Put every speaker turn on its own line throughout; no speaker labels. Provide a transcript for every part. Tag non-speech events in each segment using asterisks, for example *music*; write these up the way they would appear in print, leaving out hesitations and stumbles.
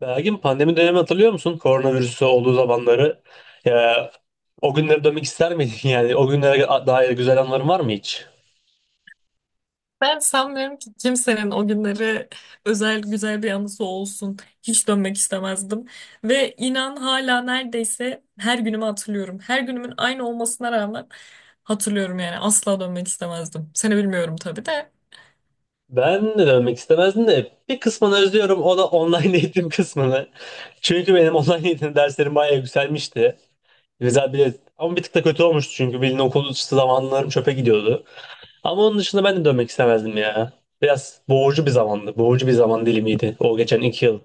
Belki pandemi dönemi hatırlıyor musun? Koronavirüsü olduğu zamanları. Ya, o günlere dönmek ister miydin? *laughs* Yani o günlere dair güzel anıların var mı hiç?
Ben sanmıyorum ki kimsenin o günleri özel güzel bir anısı olsun. Hiç dönmek istemezdim. Ve inan hala neredeyse her günümü hatırlıyorum. Her günümün aynı olmasına rağmen hatırlıyorum yani. Asla dönmek istemezdim. Seni bilmiyorum tabii de.
Ben de dönmek istemezdim de bir kısmını özlüyorum. O da online *laughs* eğitim kısmını. Çünkü benim online eğitim derslerim bayağı yükselmişti. Güzel bir ama bir tık da kötü olmuştu çünkü bildiğin okul dışı zamanlarım çöpe gidiyordu. Ama onun dışında ben de dönmek istemezdim ya. Biraz boğucu bir zamandı. Boğucu bir zaman dilimiydi o geçen iki yıl.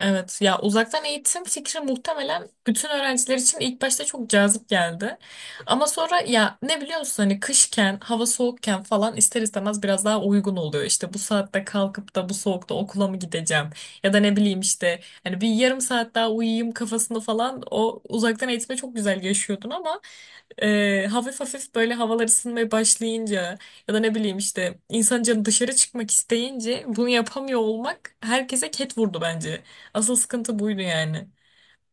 Evet ya uzaktan eğitim fikri muhtemelen bütün öğrenciler için ilk başta çok cazip geldi. Ama sonra ya ne biliyorsun hani kışken hava soğukken falan ister istemez biraz daha uygun oluyor. İşte bu saatte kalkıp da bu soğukta okula mı gideceğim ya da ne bileyim işte hani bir yarım saat daha uyuyayım kafasında falan o uzaktan eğitime çok güzel yaşıyordun ama hafif hafif böyle havalar ısınmaya başlayınca ya da ne bileyim işte insan canı dışarı çıkmak isteyince bunu yapamıyor olmak herkese ket vurdu bence. Asıl sıkıntı buydu yani.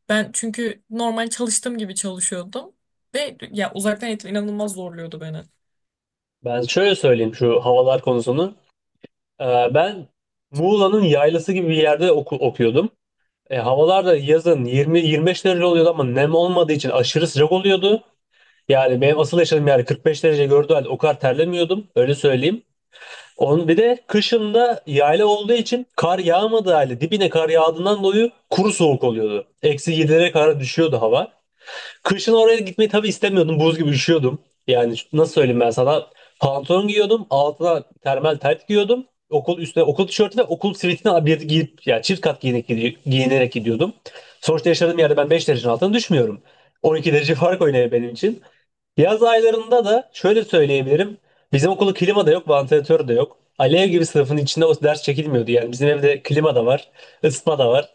Ben çünkü normal çalıştığım gibi çalışıyordum ve ya uzaktan eğitim inanılmaz zorluyordu beni.
Ben şöyle söyleyeyim şu havalar konusunu. Ben Muğla'nın yaylası gibi bir yerde okuyordum. Havalar da yazın 20-25 derece oluyordu ama nem olmadığı için aşırı sıcak oluyordu. Yani benim asıl yaşadığım yer 45 derece gördüğü halde o kadar terlemiyordum. Öyle söyleyeyim. Onun bir de kışında yayla olduğu için kar yağmadığı halde dibine kar yağdığından dolayı kuru soğuk oluyordu. Eksi 7'lere kadar düşüyordu hava. Kışın oraya gitmeyi tabii istemiyordum. Buz gibi üşüyordum. Nasıl söyleyeyim ben sana? Pantolon giyiyordum. Altına termal tayt giyiyordum. Okul üstüne okul tişörtü ve okul sivitini bir giyip yani çift kat giyinerek, giyinerek gidiyordum. Sonuçta yaşadığım yerde ben 5 derecenin altına düşmüyorum. On iki derece fark oynuyor benim için. Yaz aylarında da şöyle söyleyebilirim. Bizim okulda klima da yok, vantilatör de yok. Alev gibi sınıfın içinde o ders çekilmiyordu. Yani bizim evde klima da var, ısıtma da var.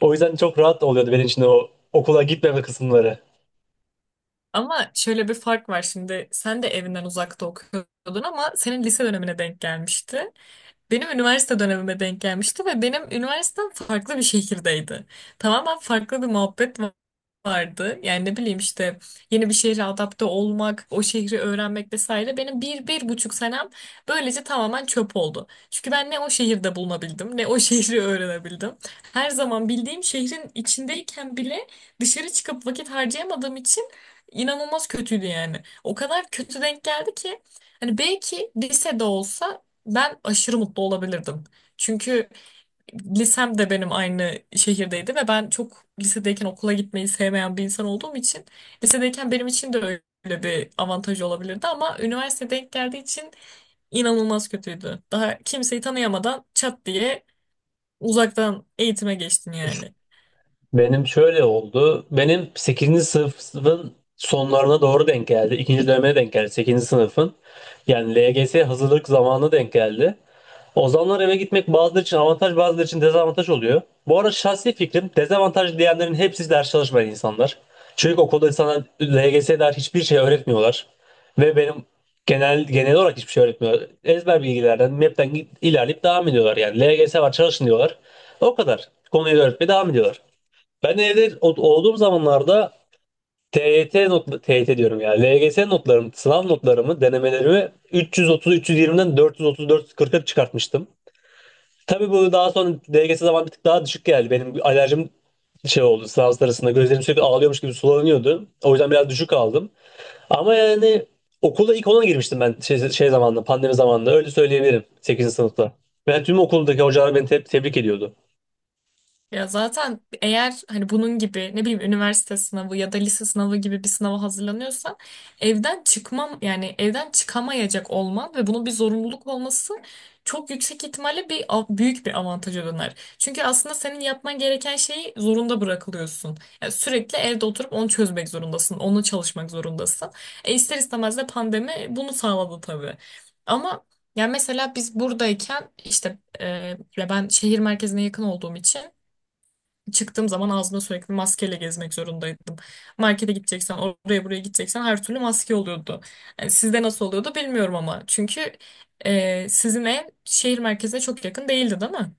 O yüzden çok rahat oluyordu benim için o okula gitmeme kısımları.
Ama şöyle bir fark var şimdi. Sen de evinden uzakta okuyordun ama senin lise dönemine denk gelmişti. Benim üniversite dönemime denk gelmişti ve benim üniversitem farklı bir şehirdeydi. Tamamen farklı bir muhabbet vardı. Yani ne bileyim işte yeni bir şehre adapte olmak, o şehri öğrenmek vesaire. Benim 1,5 senem böylece tamamen çöp oldu. Çünkü ben ne o şehirde bulunabildim, ne o *laughs* şehri öğrenebildim. Her zaman bildiğim şehrin içindeyken bile dışarı çıkıp vakit harcayamadığım için inanılmaz kötüydü yani. O kadar kötü denk geldi ki hani belki lisede olsa ben aşırı mutlu olabilirdim. Çünkü lisem de benim aynı şehirdeydi ve ben çok lisedeyken okula gitmeyi sevmeyen bir insan olduğum için lisedeyken benim için de öyle bir avantaj olabilirdi ama üniversite denk geldiği için inanılmaz kötüydü. Daha kimseyi tanıyamadan çat diye uzaktan eğitime geçtin yani.
Benim şöyle oldu. Benim sekizinci sınıfın sonlarına doğru denk geldi. 2. döneme denk geldi sekizinci sınıfın. Yani LGS hazırlık zamanına denk geldi. O zamanlar eve gitmek bazıları için avantaj bazıları için dezavantaj oluyor. Bu arada şahsi fikrim dezavantaj diyenlerin hepsi ders çalışmayan insanlar. Çünkü okulda insanlar LGS'ye dair hiçbir şey öğretmiyorlar. Ve benim genel olarak hiçbir şey öğretmiyorlar. Ezber bilgilerden, map'ten ilerleyip devam ediyorlar. Yani LGS var çalışın diyorlar. O kadar. Konuyu öğretmeye devam ediyorlar. Ben evde olduğum zamanlarda TYT not TYT diyorum ya. LGS notlarım, sınav notlarımı, denemelerimi 330-320'den 434-40'a çıkartmıştım. Tabii bu daha sonra LGS zaman bir tık daha düşük geldi. Benim alerjim şey oldu sınav sırasında. Gözlerim sürekli ağlıyormuş gibi sulanıyordu. O yüzden biraz düşük aldım. Ama yani okulda ilk ona girmiştim ben şey, şey zamanında, pandemi zamanında. Öyle söyleyebilirim sekizinci sınıfta. Ben tüm okuldaki hocalar beni tebrik ediyordu.
Ya zaten eğer hani bunun gibi ne bileyim üniversite sınavı ya da lise sınavı gibi bir sınava hazırlanıyorsan evden çıkmam yani evden çıkamayacak olman ve bunun bir zorunluluk olması çok yüksek ihtimalle büyük bir avantaja döner. Çünkü aslında senin yapman gereken şeyi zorunda bırakılıyorsun. Yani sürekli evde oturup onu çözmek zorundasın, onu çalışmak zorundasın. E ister istemez de pandemi bunu sağladı tabii. Ama yani mesela biz buradayken işte ya ben şehir merkezine yakın olduğum için çıktığım zaman ağzımda sürekli maskeyle gezmek zorundaydım. Markete gideceksen, oraya buraya gideceksen her türlü maske oluyordu. Yani sizde nasıl oluyordu bilmiyorum ama. Çünkü sizin ev şehir merkezine çok yakın değildi, değil mi?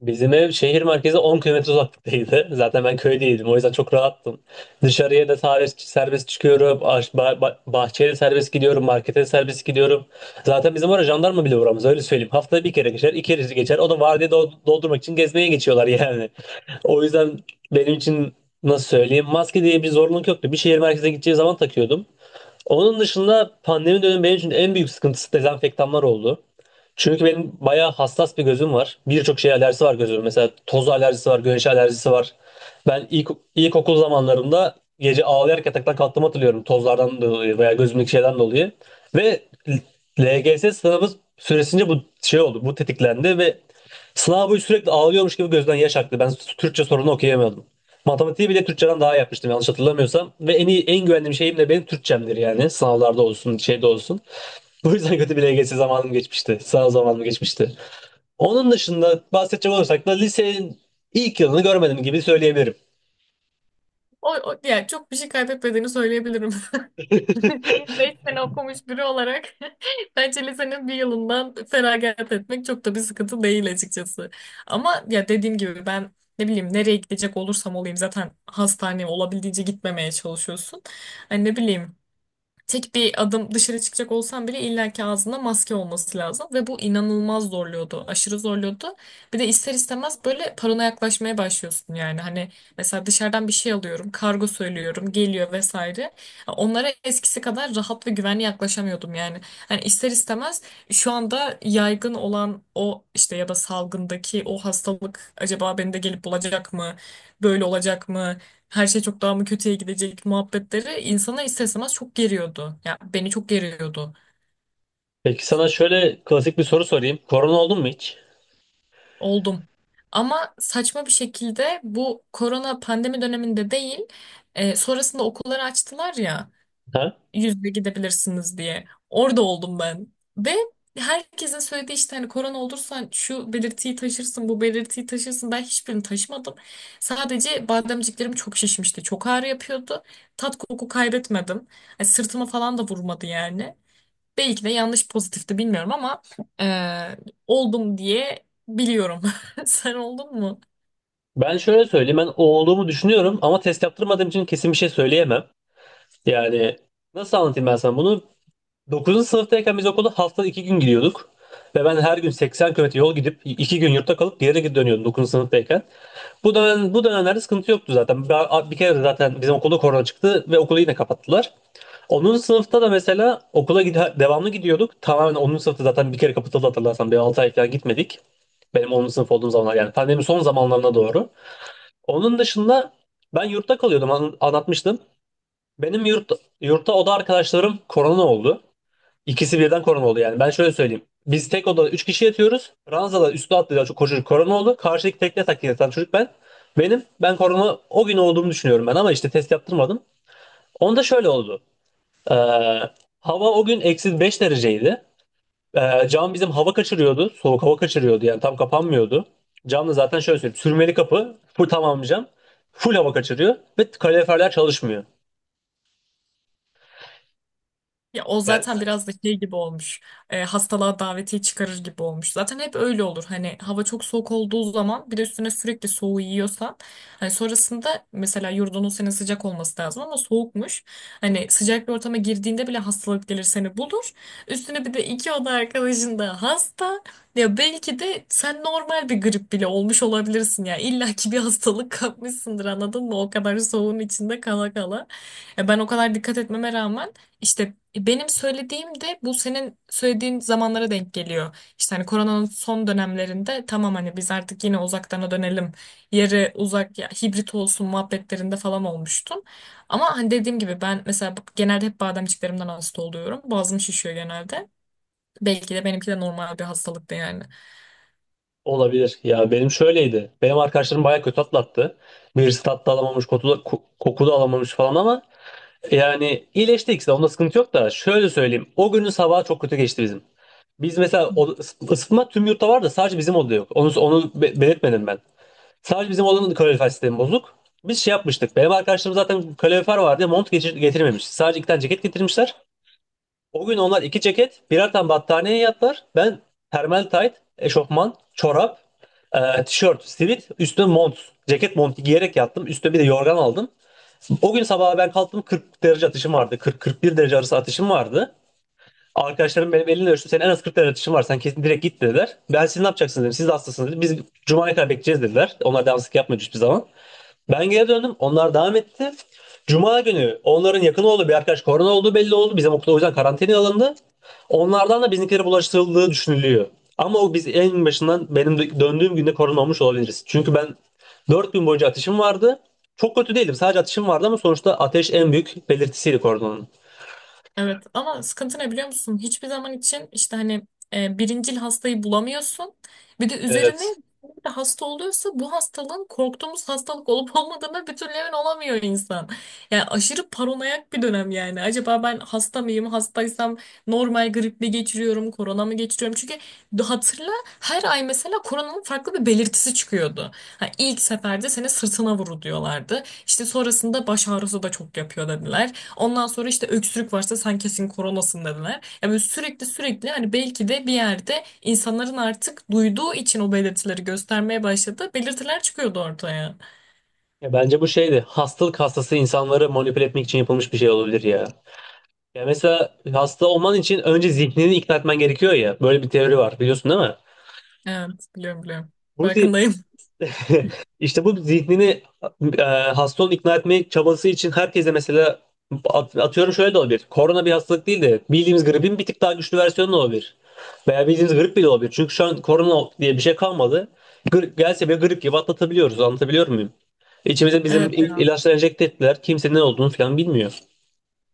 Bizim ev şehir merkezi 10 kilometre uzaklıktaydı. *laughs* Zaten ben köydeydim. O yüzden çok rahattım. Dışarıya da serbest çıkıyorum. Bahçeye de serbest gidiyorum. Markete de serbest gidiyorum. Zaten bizim oraya jandarma bile uğramaz. Öyle söyleyeyim. Haftada bir kere geçer. İki kere geçer. O da vardiya doldurmak için gezmeye geçiyorlar yani. *laughs* O yüzden benim için nasıl söyleyeyim. Maske diye bir zorunluluk yoktu. Bir şehir merkezine gideceği zaman takıyordum. Onun dışında pandemi dönemi benim için en büyük sıkıntısı dezenfektanlar oldu. Çünkü benim bayağı hassas bir gözüm var. Birçok şeye alerjisi var gözümün. Mesela toz alerjisi var, güneş alerjisi var. Ben ilk, ilkokul zamanlarımda gece ağlayarak yataktan kalktığımı hatırlıyorum. Tozlardan dolayı veya gözümdeki şeyden dolayı. Ve LGS sınavı süresince bu şey oldu, bu tetiklendi ve sınav boyu sürekli ağlıyormuş gibi gözden yaş aktı. Ben Türkçe sorunu okuyamıyordum. Matematiği bile Türkçeden daha iyi yapmıştım yanlış hatırlamıyorsam. Ve en iyi, en güvendiğim şeyim de benim Türkçemdir yani. Sınavlarda olsun, şeyde olsun. *laughs* Bu yüzden kötü bir LGS zamanım geçmişti. Sınav zamanım geçmişti. Onun dışında bahsedecek olursak da lisenin ilk yılını görmedim gibi söyleyebilirim.
O, o yani çok bir şey kaybetmediğini söyleyebilirim. *laughs* 5 sene okumuş biri olarak *laughs* bence lisenin bir yılından feragat etmek çok da bir sıkıntı değil açıkçası. Ama ya dediğim gibi ben ne bileyim nereye gidecek olursam olayım zaten hastaneye olabildiğince gitmemeye çalışıyorsun. Hani ne bileyim tek bir adım dışarı çıkacak olsam bile illaki ağzında maske olması lazım ve bu inanılmaz zorluyordu. Aşırı zorluyordu. Bir de ister istemez böyle paranoya yaklaşmaya başlıyorsun yani. Hani mesela dışarıdan bir şey alıyorum, kargo söylüyorum, geliyor vesaire. Onlara eskisi kadar rahat ve güvenli yaklaşamıyordum yani. Hani ister istemez şu anda yaygın olan o işte ya da salgındaki o hastalık acaba beni de gelip bulacak mı? Böyle olacak mı? Her şey çok daha mı kötüye gidecek muhabbetleri insana ister istemez çok geriyordu. Ya beni çok geriyordu.
Peki sana şöyle klasik bir soru sorayım. Korona oldun mu hiç?
Oldum. Ama saçma bir şekilde bu korona pandemi döneminde değil, sonrasında okulları açtılar ya
Ha?
yüzde gidebilirsiniz diye. Orada oldum ben. Ve herkesin söylediği işte hani korona olursan şu belirtiyi taşırsın, bu belirtiyi taşırsın. Ben hiçbirini taşımadım. Sadece bademciklerim çok şişmişti. Çok ağrı yapıyordu. Tat koku kaybetmedim. Yani sırtıma falan da vurmadı yani. Belki de yanlış pozitifti bilmiyorum ama e, oldum diye biliyorum. *laughs* Sen oldun mu?
Ben şöyle söyleyeyim. Ben o olduğumu düşünüyorum ama test yaptırmadığım için kesin bir şey söyleyemem. Yani nasıl anlatayım ben sana bunu? 9. sınıftayken biz okula haftada 2 gün gidiyorduk. Ve ben her gün 80 kilometre yol gidip 2 gün yurtta kalıp geri dönüyordum 9. sınıftayken. Bu dönemlerde sıkıntı yoktu zaten. Bir kere de zaten bizim okulda korona çıktı ve okulu yine kapattılar. 10. sınıfta da mesela devamlı gidiyorduk. Tamamen 10. sınıfta zaten bir kere kapatıldı hatırlarsan. Bir 6 ay falan gitmedik. Benim 10. sınıf olduğum zamanlar yani pandemi son zamanlarına doğru. Onun dışında ben yurtta kalıyordum anlatmıştım. Benim yurt, Yurtta oda arkadaşlarım korona oldu. İkisi birden korona oldu yani. Ben şöyle söyleyeyim. Biz tek odada 3 kişi yatıyoruz. Ranzada üstü atlayan çok koşucu korona oldu. Karşıdaki tekne takip yatan çocuk ben. Ben korona o gün olduğumu düşünüyorum ben ama işte test yaptırmadım. Onda şöyle oldu. Ee, Hava o gün eksi 5 dereceydi. Cam bizim hava kaçırıyordu. Soğuk hava kaçırıyordu yani tam kapanmıyordu. Cam da zaten şöyle söyleyeyim. Sürmeli kapı. Full tamam cam. Full hava kaçırıyor ve kaloriferler çalışmıyor.
Ya o
Yani
zaten biraz da şey gibi olmuş. E, hastalığa davetiye çıkarır gibi olmuş. Zaten hep öyle olur. Hani hava çok soğuk olduğu zaman bir de üstüne sürekli soğuğu yiyorsan hani sonrasında mesela yurdunun senin sıcak olması lazım ama soğukmuş. Hani sıcak bir ortama girdiğinde bile hastalık gelir seni bulur. Üstüne bir de iki oda arkadaşın da hasta. Ya belki de sen normal bir grip bile olmuş olabilirsin ya. İlla ki bir hastalık kapmışsındır anladın mı? O kadar soğuğun içinde kala kala. Ya ben o kadar dikkat etmeme rağmen işte benim söylediğim de bu senin söylediğin zamanlara denk geliyor. İşte hani koronanın son dönemlerinde tamam hani biz artık yine uzaktana dönelim. Yarı uzak ya hibrit olsun muhabbetlerinde falan olmuştum. Ama hani dediğim gibi ben mesela genelde hep bademciklerimden hasta oluyorum. Boğazım şişiyor genelde. Belki de benimki de normal bir hastalıktı yani.
olabilir. Ya benim şöyleydi. Benim arkadaşlarım bayağı kötü atlattı. Birisi tatlı alamamış, koku da alamamış falan ama yani iyileşti ikisi de. Onda sıkıntı yok da şöyle söyleyeyim. O günün sabahı çok kötü geçti bizim. Biz mesela o, ısıtma tüm yurtta var da sadece bizim odada yok. Onu belirtmedim ben. Sadece bizim odanın kalorifer sistemi bozuk. Biz şey yapmıştık. Benim arkadaşlarım zaten kalorifer vardı. Getirmemiş. Sadece iki tane ceket getirmişler. O gün onlar iki ceket, birer tane battaniye yattılar. Ben termal tayt, eşofman, çorap, tişört, sivit, üstüne mont, ceket montu giyerek yattım. Üstüne bir de yorgan aldım. O gün sabaha ben kalktım 40 derece atışım vardı. 40-41 derece arası atışım vardı. Arkadaşlarım benim elimle ölçtü. Senin en az 40 derece atışın var. Sen kesin direkt git dediler. Ben siz ne yapacaksınız dedim. Siz de hastasınız dedim. Biz Cuma'ya kadar bekleyeceğiz dediler. Onlar devamsızlık yapmıyordu hiçbir zaman. Ben geri döndüm. Onlar devam etti. Cuma günü onların yakın olduğu bir arkadaş korona olduğu belli oldu. Bizim okulda o yüzden karantinaya alındı. Onlardan da bizimkilere bulaştırıldığı düşünülüyor. Ama o biz en başından benim döndüğüm günde korona olmuş olabiliriz. Çünkü ben 4 gün boyunca ateşim vardı. Çok kötü değildim. Sadece ateşim vardı ama sonuçta ateş en büyük belirtisiydi koronanın.
Evet ama sıkıntı ne biliyor musun? Hiçbir zaman için işte hani birincil hastayı bulamıyorsun. Bir de üzerine
Evet.
bir de hasta oluyorsa bu hastalığın korktuğumuz hastalık olup olmadığına bir türlü emin olamıyor insan. Yani aşırı paranoyak bir dönem yani. Acaba ben hasta mıyım? Hastaysam normal grip mi geçiriyorum? Korona mı geçiriyorum? Çünkü hatırla her ay mesela koronanın farklı bir belirtisi çıkıyordu. Ha, ilk seferde seni sırtına vuru diyorlardı. İşte sonrasında baş ağrısı da çok yapıyor dediler. Ondan sonra işte öksürük varsa sen kesin koronasın dediler. Ya böyle sürekli sürekli hani belki de bir yerde insanların artık duyduğu için o belirtileri göstermeye başladı. Belirtiler çıkıyordu ortaya.
Ya bence bu şeydi. Hastalık hastası insanları manipüle etmek için yapılmış bir şey olabilir ya. Ya mesela hasta olman için önce zihnini ikna etmen gerekiyor ya. Böyle bir teori var biliyorsun değil mi?
Evet biliyorum biliyorum.
Ruzi
Farkındayım. *laughs*
*laughs* işte bu zihnini e, hasta olan ikna etme çabası için herkese mesela atıyorum şöyle de olabilir. Korona bir hastalık değil de bildiğimiz gripin bir tık daha güçlü versiyonu da olabilir. Veya bildiğimiz grip bile olabilir. Çünkü şu an korona diye bir şey kalmadı. Gelse bile grip gibi atlatabiliyoruz. Anlatabiliyor muyum? İçimize bizim
Evet ya.
ilaçlar enjekte ettiler. Kimse ne olduğunu falan bilmiyor.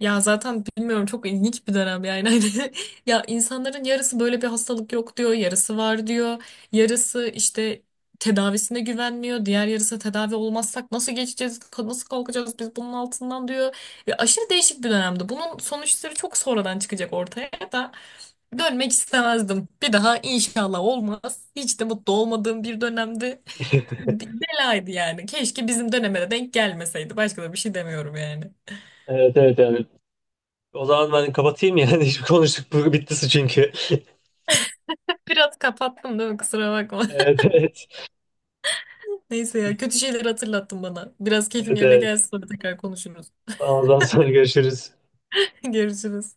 Ya zaten bilmiyorum çok ilginç bir dönem yani *laughs* hani ya insanların yarısı böyle bir hastalık yok diyor, yarısı var diyor. Yarısı işte tedavisine güvenmiyor, diğer yarısı tedavi olmazsak nasıl geçeceğiz, nasıl kalkacağız biz bunun altından diyor. Ya aşırı değişik bir dönemdi. Bunun sonuçları çok sonradan çıkacak ortaya da dönmek istemezdim. Bir daha inşallah olmaz. Hiç de mutlu olmadığım bir dönemdi. Bir belaydı yani. Keşke bizim döneme de denk gelmeseydi. Başka da bir şey demiyorum yani.
Evet evet yani. O zaman ben kapatayım yani. *laughs* Hiç konuştuk. Bu bittisi çünkü. *laughs*
Biraz kapattım değil mi? Kusura bakma. *laughs*
Evet evet.
Neyse ya kötü şeyleri hatırlattın bana. Biraz keyfim
Evet
yerine
evet.
gelsin sonra tekrar konuşuruz.
Tamam, o zaman sonra görüşürüz.
*laughs* Görüşürüz.